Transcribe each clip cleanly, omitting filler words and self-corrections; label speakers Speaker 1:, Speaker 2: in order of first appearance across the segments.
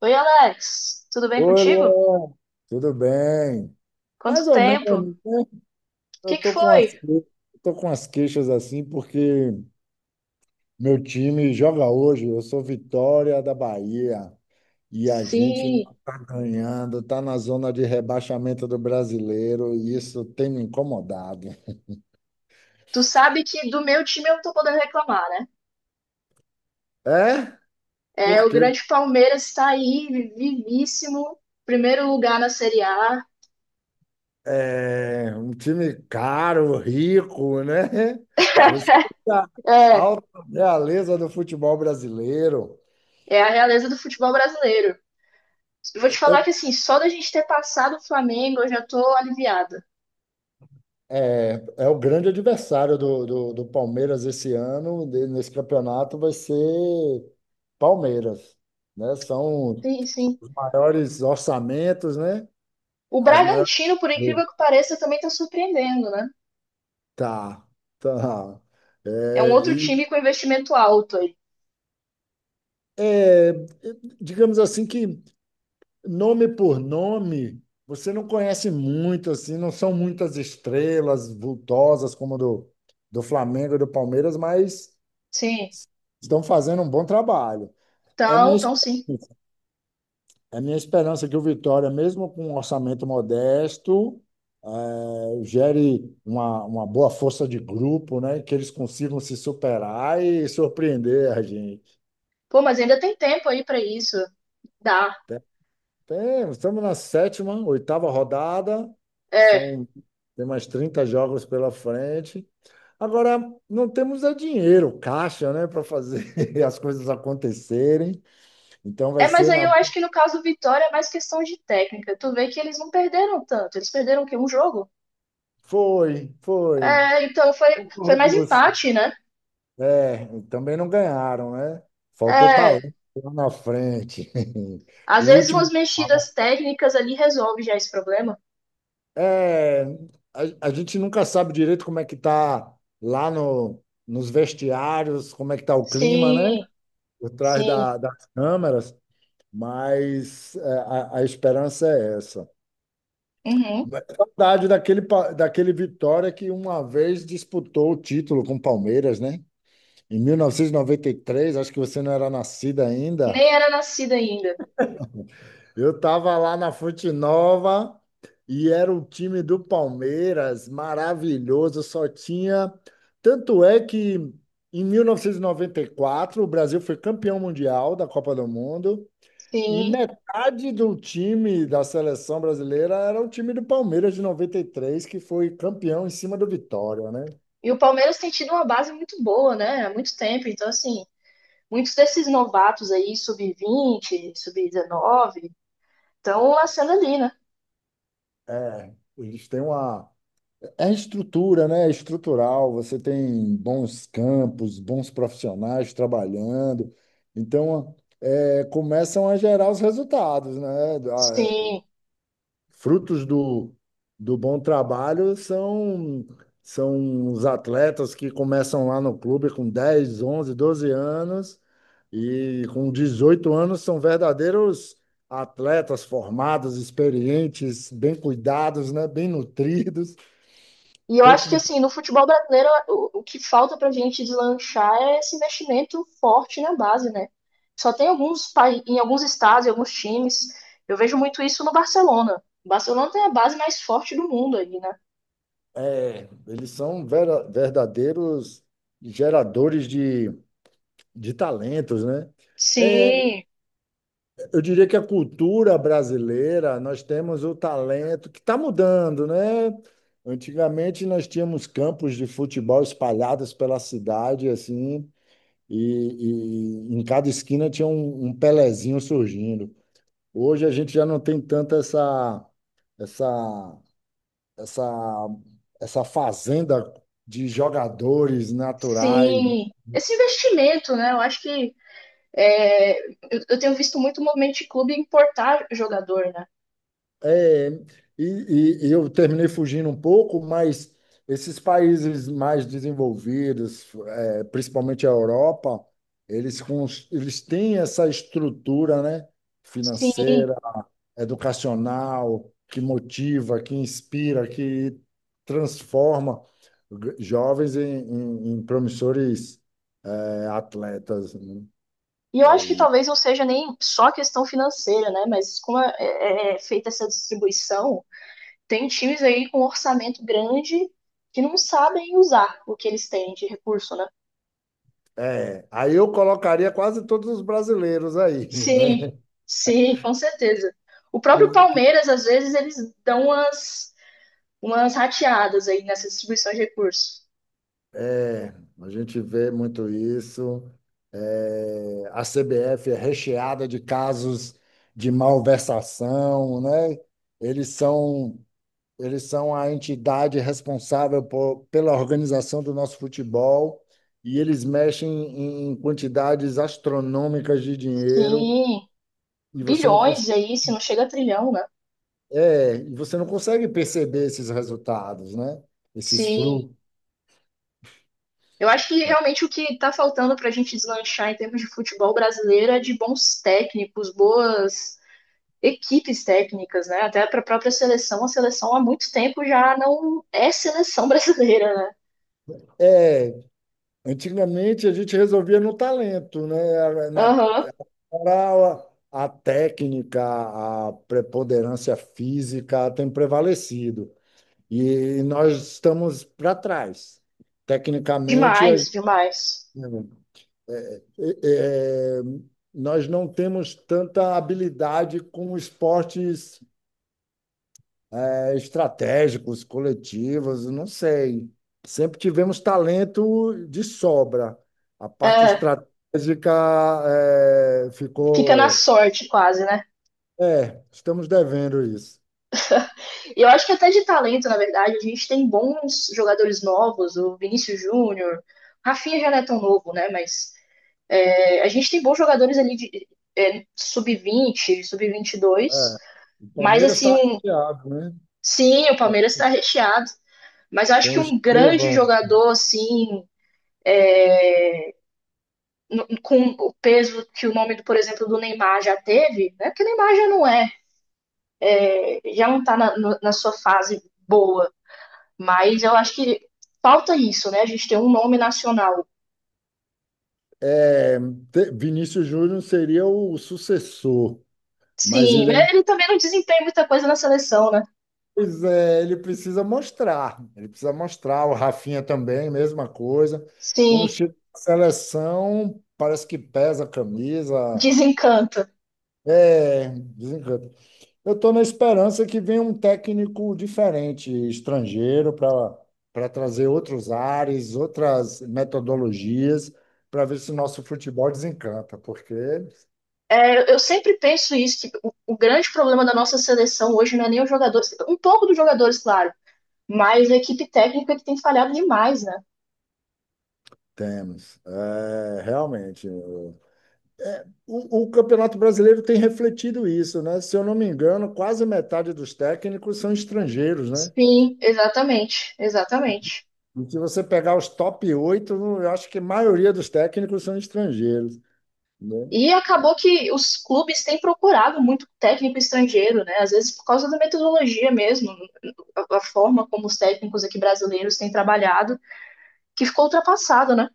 Speaker 1: Oi, Alex, tudo bem
Speaker 2: Oi,
Speaker 1: contigo?
Speaker 2: Luan. Tudo bem? Mais
Speaker 1: Quanto
Speaker 2: ou menos,
Speaker 1: tempo? O
Speaker 2: né?
Speaker 1: que
Speaker 2: Eu
Speaker 1: que
Speaker 2: tô com
Speaker 1: foi?
Speaker 2: as, eu tô com as queixas assim porque meu time joga hoje. Eu sou Vitória da Bahia e a gente
Speaker 1: Sim,
Speaker 2: não tá ganhando, tá na zona de rebaixamento do Brasileiro e isso tem me incomodado.
Speaker 1: tu sabe que do meu time eu não tô podendo reclamar, né?
Speaker 2: É?
Speaker 1: É, o
Speaker 2: Porque
Speaker 1: grande Palmeiras está aí, vivíssimo, primeiro lugar na Série A.
Speaker 2: é um time caro, rico, né? Você tá
Speaker 1: É,
Speaker 2: alta realeza do futebol brasileiro.
Speaker 1: é a realeza do futebol brasileiro. Eu vou te falar que, assim, só da gente ter passado o Flamengo eu já tô aliviada.
Speaker 2: É, é o grande adversário do Palmeiras esse ano, nesse campeonato, vai ser Palmeiras, né? São
Speaker 1: Sim, sim.
Speaker 2: os maiores orçamentos, né?
Speaker 1: O
Speaker 2: As maiores.
Speaker 1: Bragantino, por incrível que pareça, também tá surpreendendo, né?
Speaker 2: Tá, tá. É,
Speaker 1: É um outro
Speaker 2: e,
Speaker 1: time com investimento alto aí.
Speaker 2: é, digamos assim que nome por nome, você não conhece muito, assim, não são muitas estrelas vultosas como a do Flamengo e do Palmeiras, mas
Speaker 1: Sim,
Speaker 2: estão fazendo um bom trabalho. É minha,
Speaker 1: então,
Speaker 2: esp-
Speaker 1: então sim.
Speaker 2: é minha esperança que o Vitória, mesmo com um orçamento modesto, eh, gere uma boa força de grupo, né? Que eles consigam se superar e surpreender a gente.
Speaker 1: Pô, mas ainda tem tempo aí pra isso. Dá.
Speaker 2: Tem- Estamos na sétima, oitava rodada,
Speaker 1: É.
Speaker 2: são, tem mais 30 jogos pela frente. Agora, não temos é dinheiro, caixa, né, para fazer as coisas acontecerem. Então vai
Speaker 1: É, mas
Speaker 2: ser
Speaker 1: aí
Speaker 2: na.
Speaker 1: eu acho que no caso do Vitória é mais questão de técnica. Tu vê que eles não perderam tanto. Eles perderam o quê? Um jogo?
Speaker 2: Foi, foi.
Speaker 1: É, então foi, foi
Speaker 2: Concordo com
Speaker 1: mais
Speaker 2: você.
Speaker 1: empate, né?
Speaker 2: É, e também não ganharam, né? Faltou
Speaker 1: É.
Speaker 2: talento lá na frente.
Speaker 1: Às
Speaker 2: O
Speaker 1: vezes umas
Speaker 2: último,
Speaker 1: mexidas técnicas ali resolve já esse problema.
Speaker 2: é, a, a gente nunca sabe direito como é que tá lá no, nos vestiários, como é que tá o clima, né?
Speaker 1: Sim,
Speaker 2: Por trás
Speaker 1: sim.
Speaker 2: das câmeras, mas é, a esperança é essa.
Speaker 1: Uhum.
Speaker 2: Mas é saudade daquele Vitória que uma vez disputou o título com o Palmeiras, né? Em mil novecentos e noventa e três acho que você não era nascida ainda.
Speaker 1: Nem era nascida ainda.
Speaker 2: Eu tava lá na Fonte Nova e era o time do Palmeiras, maravilhoso, só tinha. Tanto é que em mil novecentos e noventa e quatro o Brasil foi campeão mundial da Copa do Mundo e
Speaker 1: Sim.
Speaker 2: metade do time da seleção brasileira era o time do Palmeiras de 93 que foi campeão em cima do Vitória, né?
Speaker 1: E o Palmeiras tem tido uma base muito boa, né? Há muito tempo. Então, assim, muitos desses novatos aí, sub-20, sub-19, estão nascendo ali, né?
Speaker 2: É, eles têm uma é estrutura, né? É estrutural. Você tem bons campos, bons profissionais trabalhando. Então, é, começam a gerar os resultados, né? Ah,
Speaker 1: Sim.
Speaker 2: frutos do bom trabalho são, são os atletas que começam lá no clube com 10, 11, 12 anos e com 18 anos são verdadeiros atletas formados, experientes, bem cuidados, né? Bem nutridos
Speaker 1: E eu acho
Speaker 2: tanto
Speaker 1: que
Speaker 2: do.
Speaker 1: assim, no futebol brasileiro, o que falta pra gente deslanchar é esse investimento forte na base, né? Só tem alguns pai- em alguns estados, em alguns times. Eu vejo muito isso no Barcelona. O Barcelona tem a base mais forte do mundo ali, né?
Speaker 2: É, eles são verdadeiros geradores de talentos, né? É,
Speaker 1: Sim,
Speaker 2: eu diria que a cultura brasileira, nós temos o talento que está mudando, né? Antigamente nós tínhamos campos de futebol espalhados pela cidade, assim, e em cada esquina tinha um Pelezinho surgindo. Hoje a gente já não tem tanto essa essa, essa fazenda de jogadores naturais.
Speaker 1: sim. Esse investimento, né? Eu acho que é, eu tenho visto muito movimento de clube importar jogador, né?
Speaker 2: É, e eu terminei fugindo um pouco, mas esses países mais desenvolvidos, é, principalmente a Europa, eles têm essa estrutura, né,
Speaker 1: Sim.
Speaker 2: financeira, educacional, que motiva, que inspira, que transforma jovens em promissores, atletas, né?
Speaker 1: E eu acho que talvez não seja nem só questão financeira, né? Mas como é feita essa distribuição, tem times aí com um orçamento grande que não sabem usar o que eles têm de recurso, né?
Speaker 2: É, aí eu colocaria quase todos os brasileiros aí,
Speaker 1: Sim,
Speaker 2: né?
Speaker 1: sim, com certeza. O próprio
Speaker 2: Porque
Speaker 1: Palmeiras, às vezes, eles dão umas, umas rateadas aí nessa distribuição de recursos.
Speaker 2: é, a gente vê muito isso. É, a CBF é recheada de casos de malversação, né? Eles são, eles são a entidade responsável por, pela organização do nosso futebol e eles mexem em quantidades astronômicas de dinheiro
Speaker 1: Sim,
Speaker 2: e você não.
Speaker 1: bilhões aí, se não chega a trilhão, né?
Speaker 2: É, e você não consegue perceber esses resultados, né? Esses
Speaker 1: Sim,
Speaker 2: frutos.
Speaker 1: eu acho que realmente o que está faltando para a gente deslanchar em termos de futebol brasileiro é de bons técnicos, boas equipes técnicas, né? Até para a própria seleção, a seleção há muito tempo já não é seleção brasileira, né?
Speaker 2: É, antigamente a gente resolvia no talento, né? Era na,
Speaker 1: Aham,
Speaker 2: era a técnica, a preponderância física tem prevalecido. E nós estamos para trás. Tecnicamente, a
Speaker 1: demais,
Speaker 2: gente-
Speaker 1: demais.
Speaker 2: é, é, é, nós não temos tanta habilidade com esportes é, estratégicos, coletivos, não sei. Sempre tivemos talento de sobra. A parte
Speaker 1: É,
Speaker 2: estratégica é,
Speaker 1: fica na
Speaker 2: ficou.
Speaker 1: sorte quase, né?
Speaker 2: É, estamos devendo isso.
Speaker 1: E eu acho que até de talento, na verdade, a gente tem bons jogadores novos, o Vinícius Júnior, Rafinha já não é tão novo, né? Mas é, a gente tem bons jogadores ali de é, sub vinte e dois,
Speaker 2: É, o
Speaker 1: mas
Speaker 2: Palmeiras está
Speaker 1: assim, um,
Speaker 2: chateado, né?
Speaker 1: sim, o Palmeiras está recheado, mas
Speaker 2: Tem
Speaker 1: acho que
Speaker 2: o
Speaker 1: um grande
Speaker 2: Estevão.
Speaker 1: jogador, assim, no, com o peso que o nome, do, por exemplo, do Neymar já teve, né? Porque o Neymar já não é, já não está na, no, na sua fase boa, mas eu acho que falta isso, né? A gente tem um nome nacional.
Speaker 2: É, Vinícius Júnior seria o sucessor, mas
Speaker 1: Sim,
Speaker 2: ele é
Speaker 1: mas ele também não desempenha muita coisa na seleção, né?
Speaker 2: pois é, ele precisa mostrar. Ele precisa mostrar. O Rafinha também, mesma coisa. Quando
Speaker 1: Sim,
Speaker 2: chega na seleção, parece que pesa a camisa.
Speaker 1: desencanto.
Speaker 2: É, desencanta. Eu estou na esperança que venha um técnico diferente, estrangeiro, para trazer outros ares, outras metodologias, para ver se o nosso futebol desencanta, porque
Speaker 1: Eu sempre penso isso, que o grande problema da nossa seleção hoje não é nem os jogadores, um pouco dos jogadores, claro, mas a equipe técnica que tem falhado demais, né?
Speaker 2: temos, é, realmente. O Campeonato Brasileiro tem refletido isso, né? Se eu não me engano, quase metade dos técnicos são estrangeiros, né?
Speaker 1: Sim, exatamente, exatamente.
Speaker 2: E se você pegar os top 8, eu acho que a maioria dos técnicos são estrangeiros, né?
Speaker 1: E acabou que os clubes têm procurado muito técnico estrangeiro, né? Às vezes por causa da metodologia mesmo, a forma como os técnicos aqui brasileiros têm trabalhado, que ficou ultrapassado, né?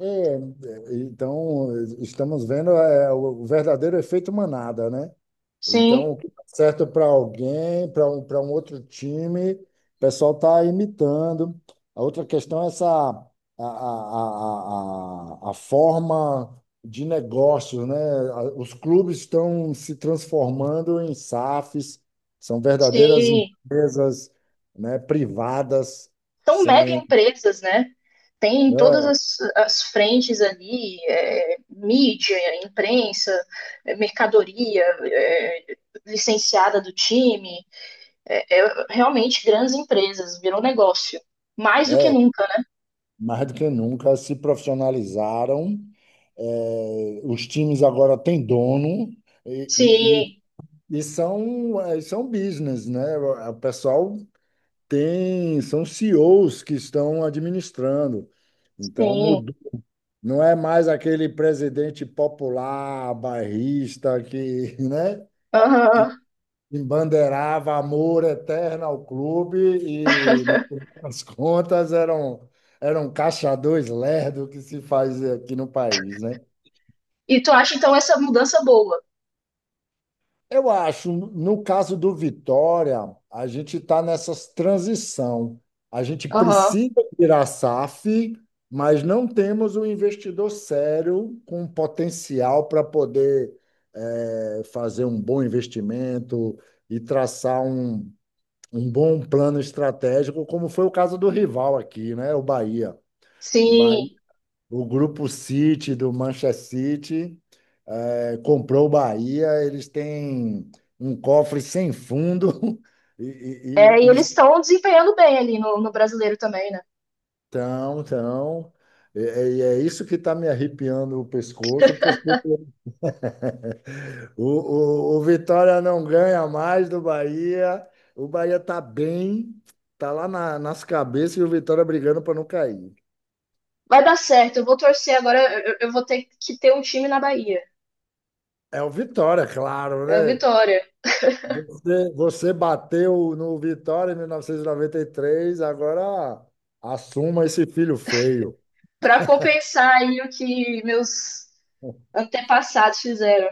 Speaker 2: É, é, então, estamos vendo o verdadeiro efeito manada, né?
Speaker 1: Sim,
Speaker 2: Então, o que dá certo para alguém, para um outro time, o pessoal está imitando. A outra questão é essa a forma de negócio, né? Os clubes estão se transformando em SAFs, são verdadeiras
Speaker 1: sim.
Speaker 2: empresas, né, privadas,
Speaker 1: São mega
Speaker 2: sem,
Speaker 1: empresas, né? Tem todas
Speaker 2: né,
Speaker 1: as frentes ali, é, mídia, imprensa, é, mercadoria, é, licenciada do time, é, realmente grandes empresas, virou negócio. Mais do que nunca, né?
Speaker 2: mais do que nunca se profissionalizaram. Eh, os times agora têm dono. E,
Speaker 1: Sim,
Speaker 2: E são business, né? O pessoal tem, são CEOs que estão administrando. Então,
Speaker 1: sim.
Speaker 2: mudou. Não é mais aquele presidente popular, bairrista, que, né,
Speaker 1: Aham.
Speaker 2: embandeirava amor eterno ao clube e, no final das contas, era um caixa dois lerdo que se faz aqui no país, né?
Speaker 1: E tu acha então essa mudança boa?
Speaker 2: Eu acho, no caso do Vitória, a gente está nessa transição. A gente
Speaker 1: Aham.
Speaker 2: precisa virar SAF, mas não temos um investidor sério com potencial para poder fazer um bom investimento e traçar um bom plano estratégico, como foi o caso do rival aqui, né? O Bahia. O Bahia,
Speaker 1: Sim.
Speaker 2: o grupo City do Manchester City, comprou o Bahia. Eles têm um cofre sem fundo
Speaker 1: É,
Speaker 2: e,
Speaker 1: e
Speaker 2: e
Speaker 1: eles estão desempenhando bem ali no, no brasileiro também, né?
Speaker 2: estão, estão. E e é isso que está me arrepiando o pescoço, porque o, o Vitória não ganha mais do Bahia. O Bahia está bem, está lá nas cabeças e o Vitória brigando para não cair.
Speaker 1: Vai dar certo, eu vou torcer agora, eu vou ter que ter um time na Bahia.
Speaker 2: É o Vitória, claro,
Speaker 1: É a
Speaker 2: né?
Speaker 1: Vitória.
Speaker 2: Você bateu no Vitória em 1993, agora assuma esse filho feio.
Speaker 1: Pra compensar aí o que meus antepassados fizeram.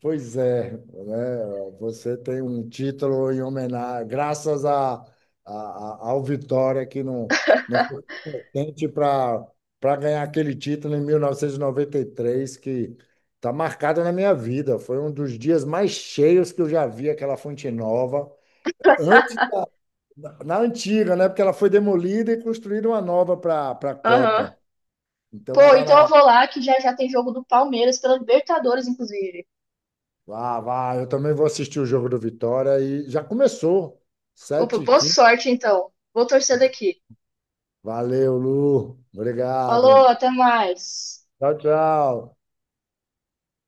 Speaker 2: Pois é, né? Você tem um título em homenagem, graças ao Vitória, que não, não foi importante para ganhar aquele título em 1993, que está marcado na minha vida. Foi um dos dias mais cheios que eu já vi aquela Fonte Nova. Antes, na antiga, né? Porque ela foi demolida e construíram uma nova para a
Speaker 1: Aham.
Speaker 2: Copa. Então
Speaker 1: Pô,
Speaker 2: era
Speaker 1: então eu
Speaker 2: na.
Speaker 1: vou lá que já já tem jogo do Palmeiras pela Libertadores, inclusive.
Speaker 2: Ah, vai, eu também vou assistir o jogo do Vitória e já começou.
Speaker 1: Opa,
Speaker 2: sete h
Speaker 1: boa
Speaker 2: 15
Speaker 1: sorte então. Vou torcer daqui.
Speaker 2: Valeu, Lu.
Speaker 1: Falou,
Speaker 2: Obrigado.
Speaker 1: até mais.
Speaker 2: Tchau, tchau.